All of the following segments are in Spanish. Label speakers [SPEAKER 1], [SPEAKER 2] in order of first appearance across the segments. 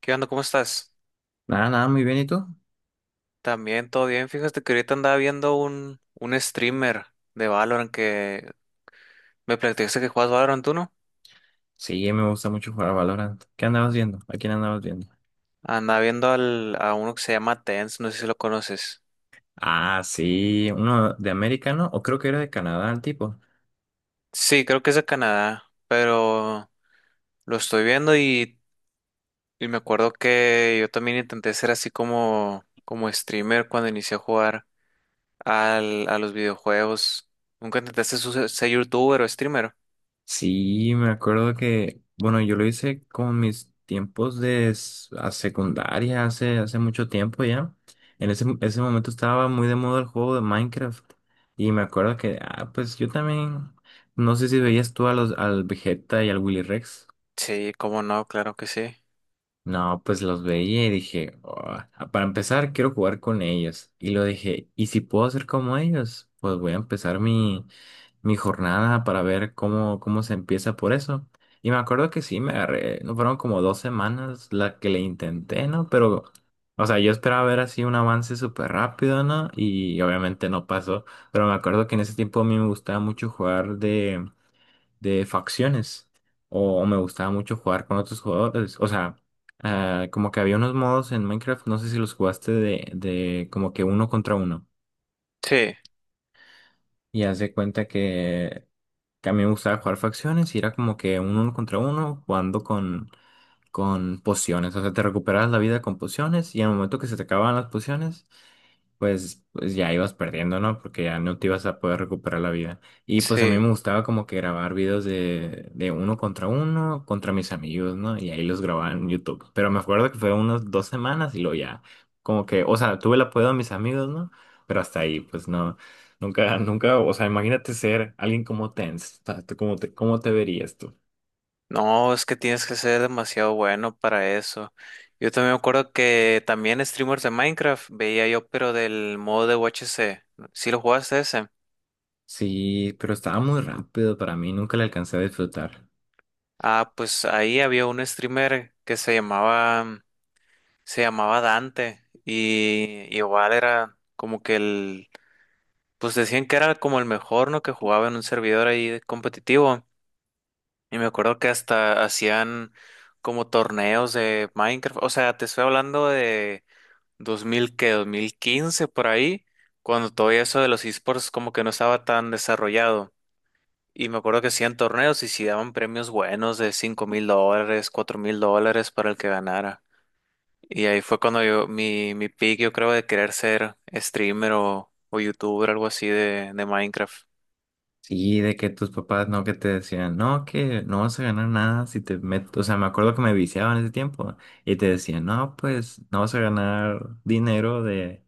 [SPEAKER 1] ¿Qué onda? ¿Cómo estás?
[SPEAKER 2] Nada, nada, muy bien, ¿y tú?
[SPEAKER 1] También todo bien. Fíjate que ahorita andaba viendo un streamer de Valorant que me platicaste que juegas Valorant, ¿tú no?
[SPEAKER 2] Sí, me gusta mucho jugar a Valorant. ¿Qué andabas viendo? ¿A quién andabas viendo?
[SPEAKER 1] Andaba viendo a uno que se llama Tenz, no sé si lo conoces.
[SPEAKER 2] Ah, sí, uno de americano, o creo que era de Canadá el tipo.
[SPEAKER 1] Sí, creo que es de Canadá, pero lo estoy viendo y me acuerdo que yo también intenté ser así como streamer cuando inicié a jugar a los videojuegos. ¿Nunca intentaste ser youtuber o streamer?
[SPEAKER 2] Sí, me acuerdo que, bueno, yo lo hice con mis tiempos a secundaria, hace mucho tiempo ya. En ese momento estaba muy de moda el juego de Minecraft. Y me acuerdo que, pues yo también, no sé si veías tú al Vegeta y al Willy Rex.
[SPEAKER 1] Sí, cómo no, claro que sí.
[SPEAKER 2] No, pues los veía y dije: "Ah, para empezar, quiero jugar con ellos. Y lo dije, ¿y si puedo ser como ellos? Pues voy a empezar mi jornada para ver cómo se empieza por eso." Y me acuerdo que sí, me agarré, no fueron como 2 semanas la que le intenté, ¿no? Pero, o sea, yo esperaba ver así un avance súper rápido, ¿no? Y obviamente no pasó. Pero me acuerdo que en ese tiempo a mí me gustaba mucho jugar de facciones o me gustaba mucho jugar con otros jugadores. O sea, como que había unos modos en Minecraft, no sé si los jugaste de como que uno contra uno.
[SPEAKER 1] Sí,
[SPEAKER 2] Y haz de cuenta que a mí me gustaba jugar facciones y era como que un uno contra uno jugando con pociones. O sea, te recuperabas la vida con pociones y al momento que se te acababan las pociones, pues ya ibas perdiendo, ¿no? Porque ya no te ibas a poder recuperar la vida. Y pues a mí
[SPEAKER 1] sí.
[SPEAKER 2] me gustaba como que grabar videos de uno, contra mis amigos, ¿no? Y ahí los grababa en YouTube. Pero me acuerdo que fue unas 2 semanas y luego ya, como que, o sea, tuve el apoyo de mis amigos, ¿no? Pero hasta ahí, pues no, nunca, nunca, o sea, imagínate ser alguien como Tens, ¿cómo te verías tú?
[SPEAKER 1] No, es que tienes que ser demasiado bueno para eso. Yo también me acuerdo que también streamers de Minecraft veía yo, pero del modo de UHC. ¿Sí lo jugaste ese?
[SPEAKER 2] Sí, pero estaba muy rápido para mí, nunca le alcancé a disfrutar.
[SPEAKER 1] Ah, pues ahí había un streamer se llamaba Dante y igual era como que el, pues decían que era como el mejor, ¿no? Que jugaba en un servidor ahí de competitivo. Y me acuerdo que hasta hacían como torneos de Minecraft. O sea, te estoy hablando de 2000 que 2015 por ahí, cuando todo eso de los esports como que no estaba tan desarrollado. Y me acuerdo que hacían torneos y si daban premios buenos de 5 mil dólares, 4 mil dólares para el que ganara. Y ahí fue cuando yo, mi pick, yo creo, de querer ser streamer o youtuber, algo así de Minecraft.
[SPEAKER 2] Sí, de que tus papás no que te decían, no, que no vas a ganar nada si te metes, o sea, me acuerdo que me viciaban ese tiempo y te decían, no, pues no vas a ganar dinero de,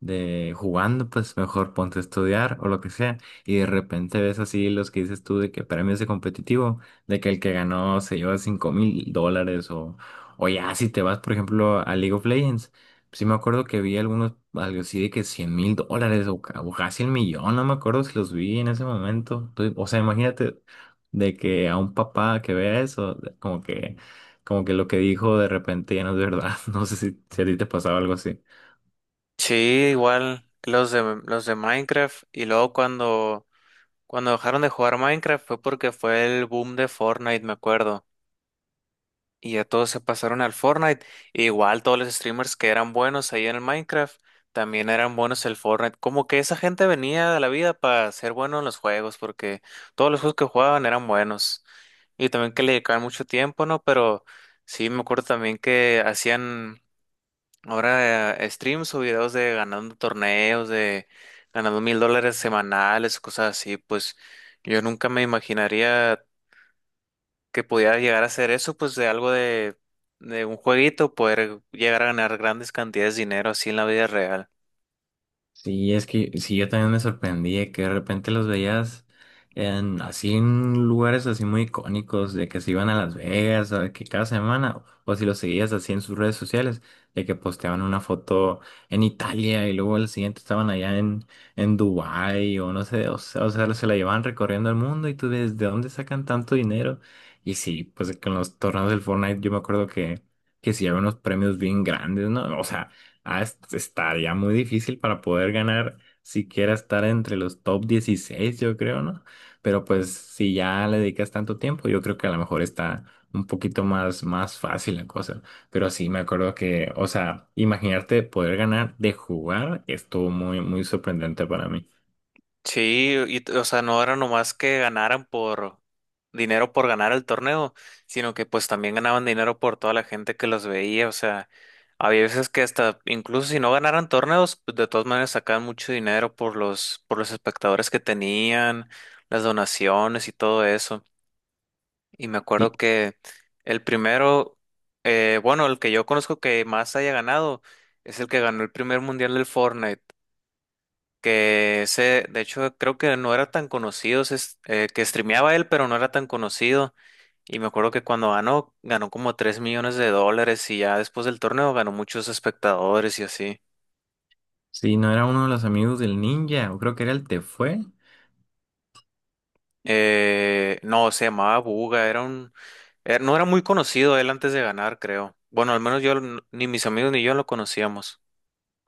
[SPEAKER 2] de jugando, pues mejor ponte a estudiar o lo que sea. Y de repente ves así los que dices tú de que premios de competitivo, de que el que ganó se lleva $5,000 o ya si te vas, por ejemplo, a League of Legends. Sí, me acuerdo que vi algunos, algo así de que $100,000 o casi el millón, no me acuerdo si los vi en ese momento. Entonces, o sea, imagínate de que a un papá que vea eso, como que lo que dijo de repente ya no es verdad. No sé si a ti te pasaba algo así.
[SPEAKER 1] Sí, igual los los de Minecraft. Y luego cuando dejaron de jugar Minecraft fue porque fue el boom de Fortnite, me acuerdo. Y ya todos se pasaron al Fortnite. Igual todos los streamers que eran buenos ahí en el Minecraft, también eran buenos el Fortnite. Como que esa gente venía de la vida para ser bueno en los juegos, porque todos los juegos que jugaban eran buenos. Y también que le dedicaban mucho tiempo, ¿no? Pero sí, me acuerdo también que hacían ahora streams o videos de ganando torneos, de ganando $1,000 semanales, cosas así. Pues yo nunca me imaginaría que pudiera llegar a hacer eso, pues de algo de un jueguito, poder llegar a ganar grandes cantidades de dinero así en la vida real.
[SPEAKER 2] Sí, es que sí, yo también me sorprendí de que de repente los veías en, así en lugares así muy icónicos, de que se iban a Las Vegas, o de que cada semana, o si los seguías así en sus redes sociales, de que posteaban una foto en Italia y luego al siguiente estaban allá en Dubái o no sé, o sea, se la llevaban recorriendo el mundo y tú ves de dónde sacan tanto dinero. Y sí, pues con los torneos del Fortnite yo me acuerdo que sí había unos premios bien grandes, ¿no? O sea... Estaría muy difícil para poder ganar siquiera estar entre los top 16 yo creo, ¿no? Pero pues si ya le dedicas tanto tiempo, yo creo que a lo mejor está un poquito más, más fácil la cosa. Pero sí, me acuerdo que, o sea, imaginarte poder ganar de jugar estuvo muy, muy sorprendente para mí.
[SPEAKER 1] Sí, o sea, no era nomás que ganaran por dinero por ganar el torneo, sino que pues también ganaban dinero por toda la gente que los veía, o sea, había veces que hasta incluso si no ganaran torneos, pues de todas maneras sacaban mucho dinero por los espectadores que tenían, las donaciones y todo eso. Y me acuerdo
[SPEAKER 2] Sí,
[SPEAKER 1] que el primero, bueno, el que yo conozco que más haya ganado es el que ganó el primer mundial del Fortnite, que ese, de hecho, creo que no era tan conocido, que streameaba él, pero no era tan conocido. Y me acuerdo que cuando ganó, ganó como $3 millones y ya después del torneo ganó muchos espectadores y así.
[SPEAKER 2] sí, no era uno de los amigos del ninja, o creo que era el Tefue.
[SPEAKER 1] No, se llamaba Buga, era un no era muy conocido él antes de ganar, creo. Bueno, al menos yo, ni mis amigos ni yo lo conocíamos.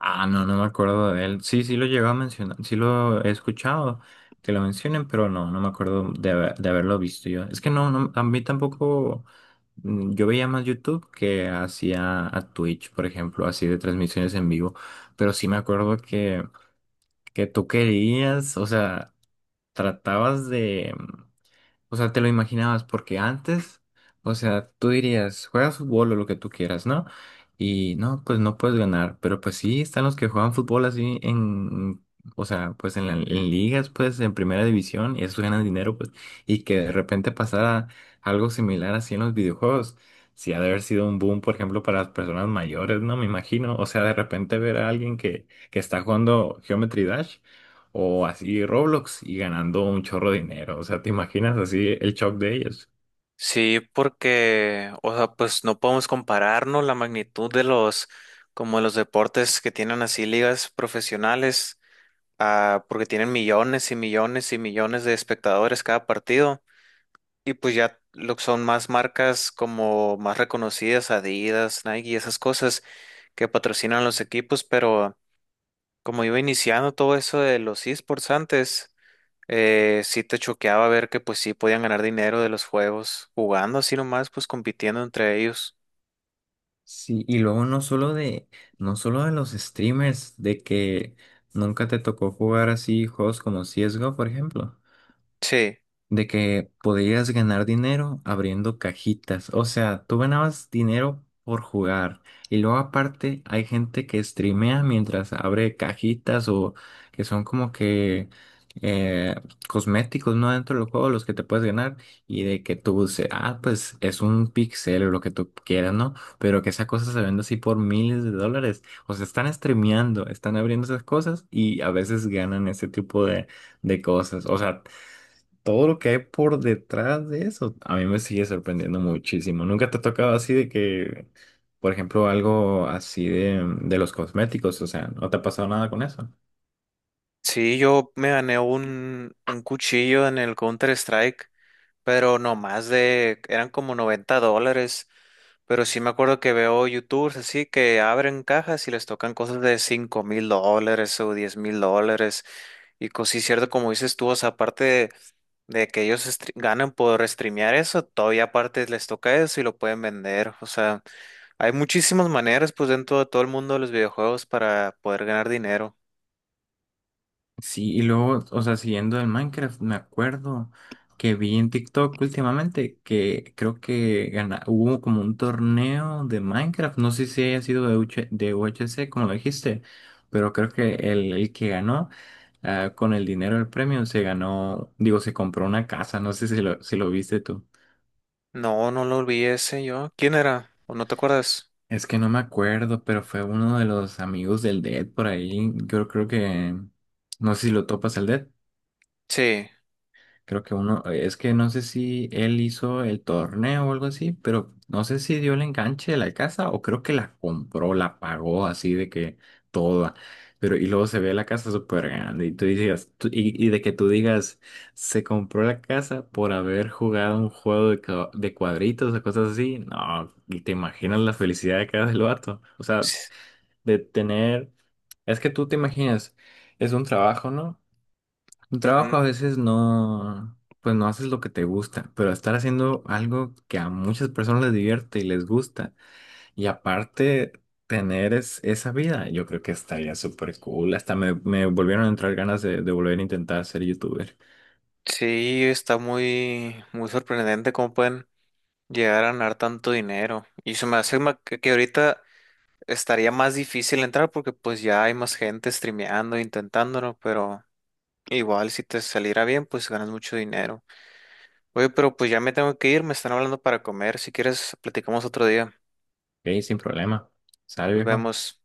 [SPEAKER 2] Ah, no, no me acuerdo de él. Sí, sí lo llegó a mencionar, sí lo he escuchado que lo mencionen, pero no, no me acuerdo de haberlo visto yo. Es que no, no, a mí tampoco, yo veía más YouTube que hacía a Twitch, por ejemplo, así de transmisiones en vivo, pero sí me acuerdo que tú querías, o sea, tratabas de... O sea, te lo imaginabas porque antes, o sea, tú dirías, juegas fútbol o lo que tú quieras, ¿no? Y no, pues no puedes ganar, pero pues sí, están los que juegan fútbol así en, o sea, pues en, en ligas, pues en primera división, y eso ganan dinero, pues, y que de repente pasara algo similar así en los videojuegos. Sí, ha de haber sido un boom, por ejemplo, para las personas mayores, ¿no? Me imagino. O sea, de repente ver a alguien que está jugando Geometry Dash. O así Roblox y ganando un chorro de dinero. O sea, ¿te imaginas así el shock de ellos?
[SPEAKER 1] Sí, porque, o sea, pues no podemos compararnos la magnitud de los, como los deportes que tienen así ligas profesionales, porque tienen millones y millones y millones de espectadores cada partido, y pues ya lo que son más marcas como más reconocidas, Adidas, Nike y esas cosas que patrocinan los equipos, pero como iba iniciando todo eso de los esports antes sí te choqueaba ver que pues sí podían ganar dinero de los juegos, jugando así nomás, pues compitiendo entre ellos.
[SPEAKER 2] Sí, y luego no solo de los streamers, de que nunca te tocó jugar así juegos como CSGO, por ejemplo.
[SPEAKER 1] Sí,
[SPEAKER 2] De que podías ganar dinero abriendo cajitas. O sea, tú ganabas dinero por jugar. Y luego aparte hay gente que streamea mientras abre cajitas o que son como que eh, cosméticos, ¿no? Dentro del juego, los que te puedes ganar. Y de que tú dices, ah, pues es un pixel o lo que tú quieras, ¿no? Pero que esa cosa se vende así por miles de dólares. O sea, están streameando, están abriendo esas cosas y a veces ganan ese tipo de cosas. O sea, todo lo que hay por detrás de eso, a mí me sigue sorprendiendo muchísimo. ¿Nunca te ha tocado así de que, por ejemplo, algo así de los cosméticos? O sea, ¿no te ha pasado nada con eso?
[SPEAKER 1] sí, yo me gané un cuchillo en el Counter-Strike, pero no más de, eran como $90. Pero sí me acuerdo que veo YouTubers así que abren cajas y les tocan cosas de $5,000 o $10,000. Y cosas sí, cierto, como dices tú, o sea, aparte de que ellos ganan por streamear eso, todavía aparte les toca eso y lo pueden vender. O sea, hay muchísimas maneras, pues dentro de todo el mundo de los videojuegos para poder ganar dinero.
[SPEAKER 2] Sí, y luego, o sea, siguiendo el Minecraft, me acuerdo que vi en TikTok últimamente que creo que hubo como un torneo de Minecraft, no sé si haya sido de UHC, como lo dijiste, pero creo que el que ganó con el dinero del premio se ganó, digo, se compró una casa, no sé si lo viste tú.
[SPEAKER 1] No, no lo olvidé ese yo. ¿Quién era? ¿O no te acuerdas?
[SPEAKER 2] Es que no me acuerdo, pero fue uno de los amigos del Dead por ahí, yo creo que, no sé si lo topas el Dead.
[SPEAKER 1] Sí.
[SPEAKER 2] Creo que uno, es que no sé si él hizo el torneo o algo así, pero no sé si dio el enganche de la casa o creo que la compró, la pagó así de que toda. Pero y luego se ve la casa súper grande y tú dices, y de que tú digas, se compró la casa por haber jugado un juego de cuadritos o cosas así. No, y te imaginas la felicidad de cada del vato. O sea,
[SPEAKER 1] Sí.
[SPEAKER 2] de tener, es que tú te imaginas, es un trabajo, ¿no? El trabajo a veces no, pues no haces lo que te gusta, pero estar haciendo algo que a muchas personas les divierte y les gusta, y aparte tener esa vida, yo creo que estaría súper cool. Hasta me volvieron a entrar ganas de volver a intentar ser youtuber.
[SPEAKER 1] Sí, está muy, muy sorprendente cómo pueden llegar a ganar tanto dinero. Y se me hace que ahorita estaría más difícil entrar porque pues ya hay más gente streameando, intentándolo, pero igual si te saliera bien, pues ganas mucho dinero. Oye, pero pues ya me tengo que ir, me están hablando para comer. Si quieres, platicamos otro día.
[SPEAKER 2] Ok, sin problema. ¿Sale,
[SPEAKER 1] Nos
[SPEAKER 2] viejo?
[SPEAKER 1] vemos.